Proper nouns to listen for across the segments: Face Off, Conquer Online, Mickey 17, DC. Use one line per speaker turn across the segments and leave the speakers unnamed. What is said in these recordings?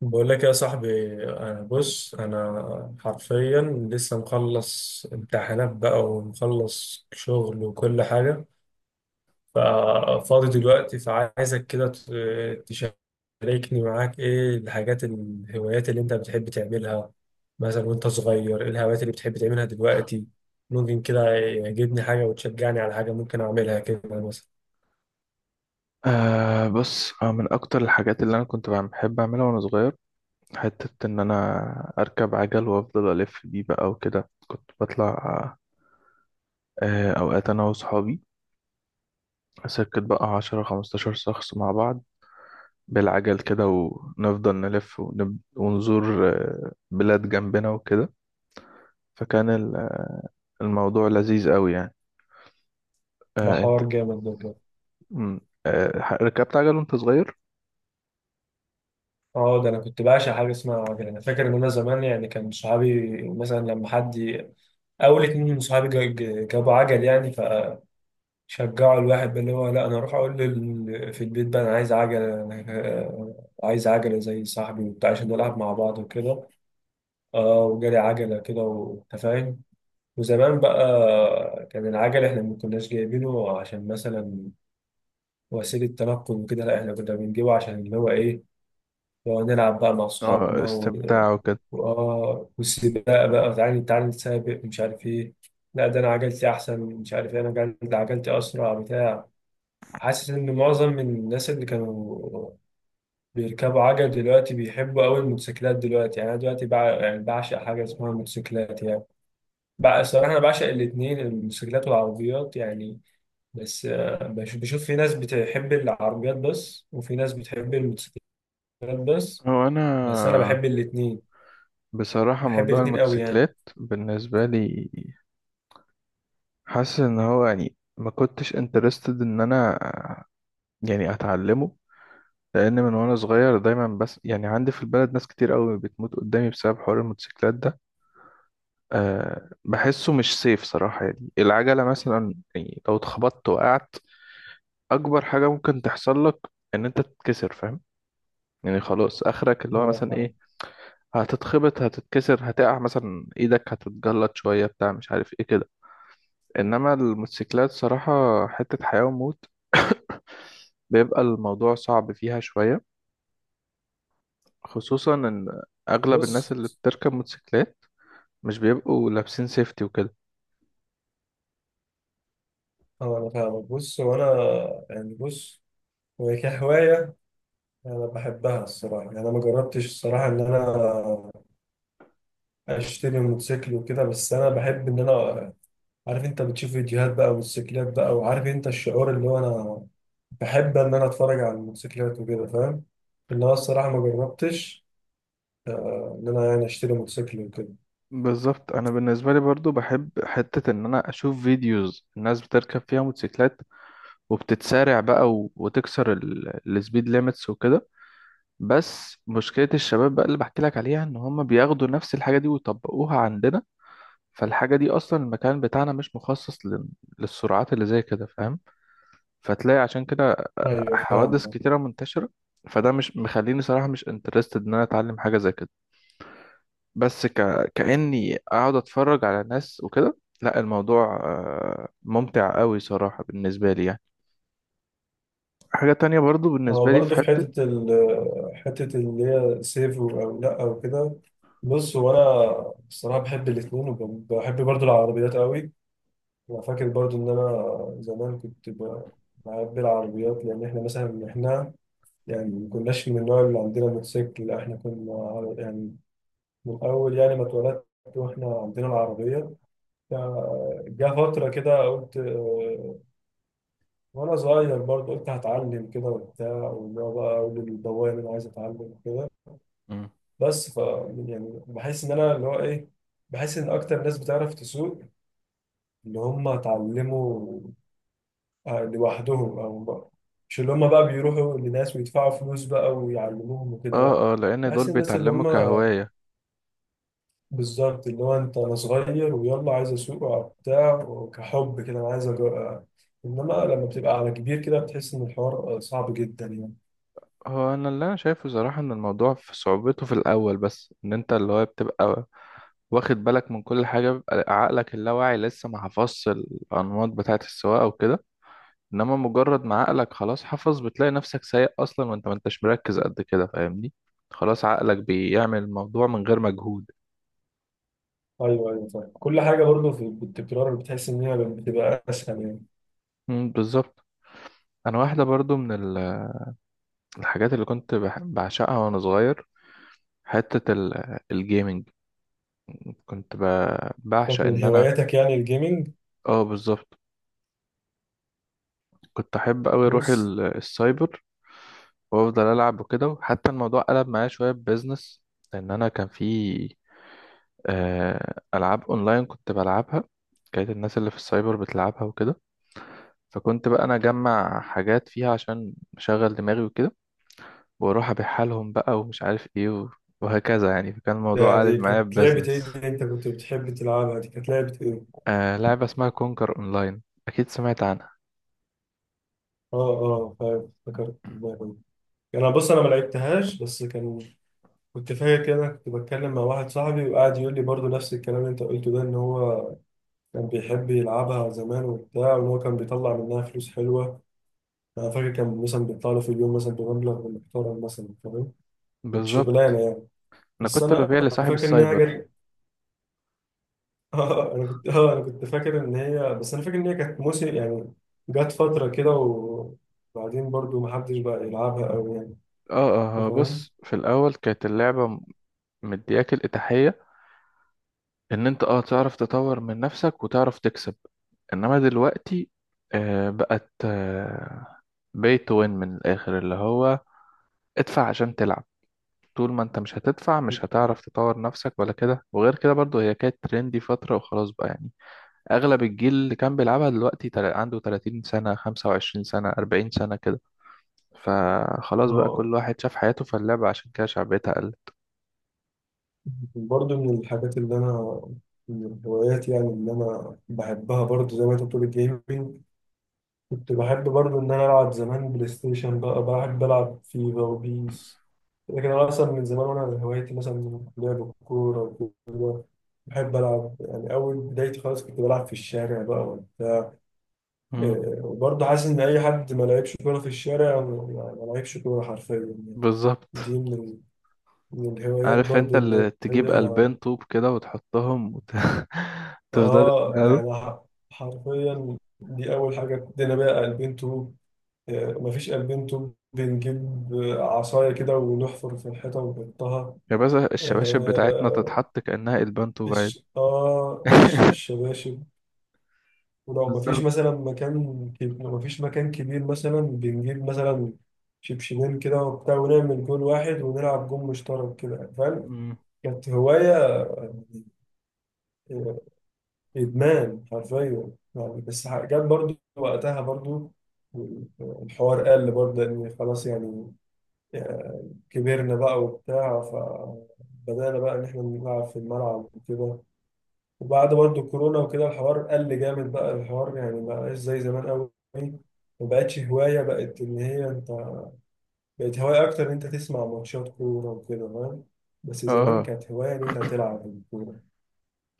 بقول لك يا صاحبي. أنا حرفيا لسه مخلص امتحانات بقى، ومخلص شغل وكل حاجة. ففاضي دلوقتي، فعايزك كده تشاركني معاك إيه الهوايات اللي أنت بتحب تعملها، مثلا وأنت صغير. إيه الهوايات اللي بتحب تعملها دلوقتي؟ ممكن كده يعجبني حاجة وتشجعني على حاجة ممكن أعملها كده، مثلا.
بص، من أكتر الحاجات اللي أنا كنت بحب أعملها وأنا صغير، حتة إن أنا أركب عجل وأفضل ألف بيه بقى وكده كنت بطلع أوقات أنا وصحابي، سكت بقى 10 15 شخص مع بعض بالعجل كده، ونفضل نلف ونزور بلاد جنبنا وكده. فكان الموضوع لذيذ أوي يعني.
ده
أنت.
حوار جامد ده.
مم، ركبت عجل وأنت صغير؟
اه، ده انا كنت بعشق حاجه اسمها عجل. انا فاكر ان انا زمان، يعني كان صحابي مثلا اول اتنين من صحابي جابوا عجل، يعني فشجعوا الواحد بقى، اللي هو لا انا اروح اقول في البيت بقى انا عايز عجل، انا آه، عايز عجله زي صاحبي وبتاع، عشان نلعب مع بعض وكده. اه، وجالي عجله كده وانت فاهم. وزمان بقى كان العجل احنا ما كناش جايبينه عشان مثلا وسيله تنقل وكده، لا احنا كنا بنجيبه عشان اللي هو ايه، ونلعب بقى مع صحابنا.
استمتاع وكده.
واه، والسباق بقى، تعالي تعالي نتسابق مش عارف ايه، لا ده انا عجلتي احسن، مش عارف ايه، انا عجلتي اسرع بتاع. حاسس ان معظم من الناس اللي كانوا بيركبوا عجل دلوقتي بيحبوا قوي الموتوسيكلات دلوقتي. يعني انا دلوقتي يعني بعشق حاجه اسمها موتوسيكلات، يعني بقى الصراحه انا بعشق الاثنين، الموتوسيكلات والعربيات يعني. بس بشوف في ناس بتحب العربيات بس، وفي ناس بتحب الموتوسيكلات بس.
هو أنا،
انا بحب الاثنين.
بصراحة
بحب
موضوع
الاثنين قوي يعني.
الموتوسيكلات بالنسبة لي، حاسس ان هو يعني ما كنتش انترستد ان انا يعني اتعلمه، لان من وانا صغير دايما بس يعني عندي في البلد ناس كتير قوي بتموت قدامي بسبب حوار الموتوسيكلات ده. بحسه مش سيف صراحة، يعني العجلة مثلا يعني لو اتخبطت وقعت، اكبر حاجة ممكن تحصل لك ان انت تتكسر، فاهم؟ يعني خلاص اخرك اللي هو
اه،
مثلا
فاهم.
ايه، هتتخبط، هتتكسر، هتقع مثلا ايدك هتتجلط شوية بتاع، مش عارف ايه كده. انما الموتوسيكلات صراحة حتة حياة وموت، بيبقى الموضوع صعب فيها شوية، خصوصا ان اغلب الناس
بص،
اللي بتركب موتوسيكلات مش بيبقوا لابسين سيفتي وكده.
اه انا فاهمك، بص وانا يعني، بص هو كهوايه انا بحبها الصراحه. يعني انا ما جربتش الصراحه ان انا اشتري موتوسيكل وكده، بس انا بحب ان انا، عارف انت بتشوف فيديوهات بقى موتوسيكلات بقى، وعارف انت الشعور اللي هو انا بحب ان انا اتفرج على الموتوسيكلات وكده، فاهم. ان انا الصراحه ما جربتش ان انا يعني اشتري موتوسيكل وكده.
بالظبط، انا بالنسبة لي برضو بحب حتة ان انا اشوف فيديوز الناس بتركب فيها موتوسيكلات، وبتتسارع بقى وتكسر السبيد ليميتس وكده. بس مشكلة الشباب بقى اللي بحكي لك عليها ان هم بياخدوا نفس الحاجة دي ويطبقوها عندنا، فالحاجة دي اصلا المكان بتاعنا مش مخصص للسرعات اللي زي كده، فاهم؟ فتلاقي عشان كده
ايوه
حوادث
فاهم.
كتيرة منتشرة. فده مش مخليني صراحة مش انترستد ان انا اتعلم حاجة زي كده، بس كأني اقعد اتفرج على ناس وكده. لا الموضوع ممتع قوي صراحة بالنسبة لي يعني. حاجة تانية برضو
هو
بالنسبة لي في
برضه في
حتة.
حتة حتة اللي هي سيف أو لأ أو كده. بص، هو أنا الصراحة بحب الاتنين، وبحب برضه العربيات قوي. أنا فاكر برضه إن أنا زمان كنت بحب العربيات، لأن إحنا مثلا يعني ما كناش من النوع اللي عندنا موتوسيكل، لا إحنا كنا يعني من أول يعني ما اتولدت وإحنا عندنا العربية. فجاء فترة كده قلت، وأنا صغير برضه، قلت هتعلم كده وبتاع، واللي هو بقى أقول للبواب أنا عايز أتعلم كده.
مم.
بس ف يعني بحس ان انا اللي هو ايه، بحس ان اكتر ناس بتعرف تسوق، اللي هم اتعلموا لوحدهم او بقى. مش اللي هم بقى بيروحوا لناس ويدفعوا فلوس بقى ويعلموهم وكده،
اه،
لا،
اه، لان دول
بحس الناس اللي
بيتعلموا
هم
كهواية.
بالظبط اللي هو انت انا صغير ويلا عايز اسوق وبتاع وكحب كده، انا عايز أجرب. انما لما بتبقى على كبير كده بتحس ان الحوار صعب جدا يعني.
هو انا اللي انا شايفه صراحة ان الموضوع في صعوبته في الاول، بس ان انت اللي هو بتبقى واخد بالك من كل حاجة، بيبقى عقلك اللاواعي لسه ما حفظش الانماط بتاعة السواقة وكده. انما مجرد ما عقلك خلاص حفظ، بتلاقي نفسك سايق اصلا وانت ما انتش مركز قد كده، فاهمني؟ خلاص عقلك بيعمل الموضوع من غير مجهود.
ايوه ايوه فاهم. كل حاجه برضه في التكرار بتحس ان هي بتبقى اسهل يعني.
مم، بالظبط. انا واحده برضو من ال- الحاجات اللي كنت بعشقها وانا صغير، حته الجيمنج. كنت
كانت
بعشق
من
ان انا.
هواياتك يعني الجيمنج؟
اه، بالظبط. كنت احب قوي اروح
بص،
السايبر وافضل العب وكده. وحتى الموضوع قلب معايا شويه ببزنس، لان انا كان في ألعاب أونلاين كنت بلعبها، كانت الناس اللي في السايبر بتلعبها وكده. فكنت بقى أنا أجمع حاجات فيها عشان أشغل دماغي وكده، وأروح أبيعها لهم بقى ومش عارف إيه وهكذا يعني. فكان الموضوع قالب
دي
معايا
كانت لعبة ايه
ببزنس.
اللي انت كنت بتحب تلعبها؟ دي كانت لعبة ايه؟
لعبة اسمها كونكر أونلاين. أكيد سمعت عنها.
اه اه فاهم، افتكرت اللعبة دي. انا بص، انا ما لعبتهاش، بس كنت فاكر كده. كنت بتكلم مع واحد صاحبي وقعد يقول لي برضو نفس الكلام اللي انت قلته ده، ان هو كان بيحب يلعبها زمان وبتاع، وان هو كان بيطلع منها فلوس حلوة. انا فاكر كان مثلا بيطلع له في اليوم مثلا بمبلغ محترم مثلا، فاهم، كانت شغلانة
بالظبط.
يعني.
أنا
بس
كنت
انا
ببيع لصاحب
فاكر ان هي
السايبر.
جت. انا كنت فاكر ان هي، بس انا فاكر ان هي كانت موسم يعني. جت فتره كده، وبعدين برضو ما حدش بقى يلعبها قوي يعني، انت فاهم.
بص، في الأول كانت اللعبة مدياك الإتاحية ان انت تعرف تطور من نفسك وتعرف تكسب. انما دلوقتي، بقت pay to win من الاخر، اللي هو ادفع عشان تلعب. طول ما انت مش هتدفع مش هتعرف تطور نفسك ولا كده، وغير كده برضو هي كانت ترندي فترة وخلاص بقى يعني. اغلب الجيل اللي كان بيلعبها دلوقتي عنده 30 سنة، 25 سنة، 40 سنة كده. فخلاص بقى
اه،
كل واحد شاف حياته في اللعبة، عشان كده شعبيتها قل.
برضو من الحاجات اللي انا، من الهوايات يعني اللي انا بحبها برضو زي ما انت بتقول الجيمنج. كنت بحب برضو ان انا العب زمان بلاي ستيشن بقى، بحب العب فيفا وبيس. لكن انا اصلا من زمان وانا هوايتي مثلا لعب الكوره وكده. بحب العب، يعني اول بدايتي خالص كنت بلعب في الشارع بقى وبتاع.
مم.
إيه، وبرضه حاسس ان اي حد ما لعبش كوره في الشارع ما لعبش كوره حرفيا يعني.
بالظبط.
دي من الهوايات
عارف
برضه
انت
ان
اللي
هي.
تجيب قلبين طوب كده وتحطهم تفضل
اه ده
تلعب.
انا حرفيا دي اول حاجه ابتدينا بقى قلبين طوب. إيه، مفيش قلبين طوب، بنجيب عصايه كده ونحفر في الحيطه ونحطها.
يا باشا،
آه
الشباشب بتاعتنا
آه،
تتحط كأنها قلبان طوب عادي.
الشباشب. ولو مفيش
بالظبط.
مثلا لو مفيش مكان كبير مثلا، بنجيب مثلا شبشبين كده وبتاع، ونعمل جول واحد ونلعب جول مشترك كده، فاهم.
مم.
كانت هواية آه، إدمان حرفيا يعني. بس جت برضو وقتها، برضو الحوار قل برضه لأن خلاص يعني كبرنا بقى وبتاع، فبدأنا بقى إن إحنا نلعب في الملعب وكده. وبعد برضه الكورونا وكده الحوار قل جامد بقى. الحوار يعني ما بقاش زي زمان قوي، ما بقتش هواية. بقت هواية أكتر إن أنت تسمع ماتشات كورة وكده، فاهم. بس زمان
اه،
كانت هواية إن أنت تلعب الكورة.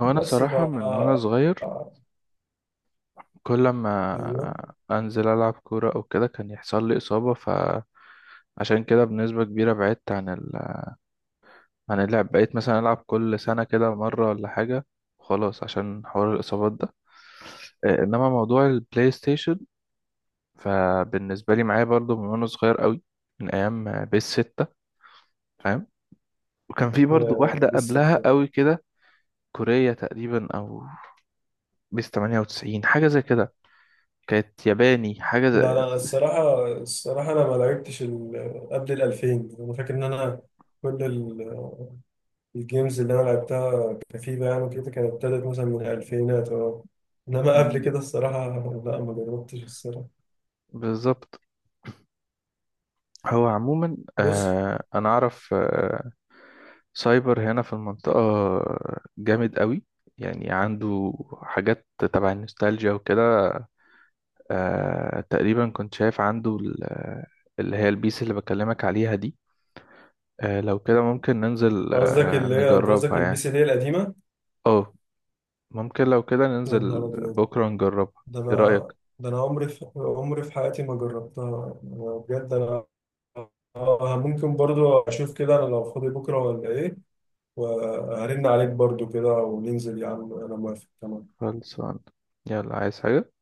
هو انا
بس ف
صراحة من وانا صغير كل ما
أيوه.
انزل العب كورة او كده كان يحصل لي اصابة، فعشان كده بنسبة كبيرة بعدت عن عن اللعب، بقيت مثلا العب كل سنة كده مرة ولا حاجة، خلاص عشان حوار الاصابات ده. انما موضوع البلاي ستيشن فبالنسبة لي معايا برضو من وأنا صغير قوي، من أيام بيس ستة، فاهم؟ وكان في برضو واحدة
دي
قبلها
الستة.
قوي كده، كورية تقريبا، أو بيس 98 حاجة زي كده، كانت ياباني حاجة زي...
لا لا، الصراحة الصراحة أنا ما لعبتش قبل الـ2000. أنا فاكر إن أنا كل الجيمز اللي انا لعبتها كفيفا يعني وكده كانت ابتدت مثلا من الالفينات، اه. انما قبل
مم،
كده الصراحه، لا ما جربتش الصراحه.
بالظبط. هو عموما
بص،
أنا أعرف سايبر هنا في المنطقة جامد قوي، يعني عنده حاجات تبع النوستالجيا وكده. تقريبا كنت شايف عنده اللي هي البيس اللي بكلمك عليها دي. لو كده ممكن ننزل
قصدك اللي هي انت قصدك
نجربها
البي
يعني.
سي دي القديمه.
اه، ممكن لو كده
يا
ننزل
نهار ابيض.
بكرة نجربها.
ده
ايه رأيك؟
انا ده انا عمري في حياتي ما جربتها. أنا بجد انا، ممكن برضو اشوف كده انا لو فاضي بكره ولا ايه، وهرن عليك برضو كده وننزل يا عم. انا موافق تمام.
خلصان. يلا، عايز حاجة؟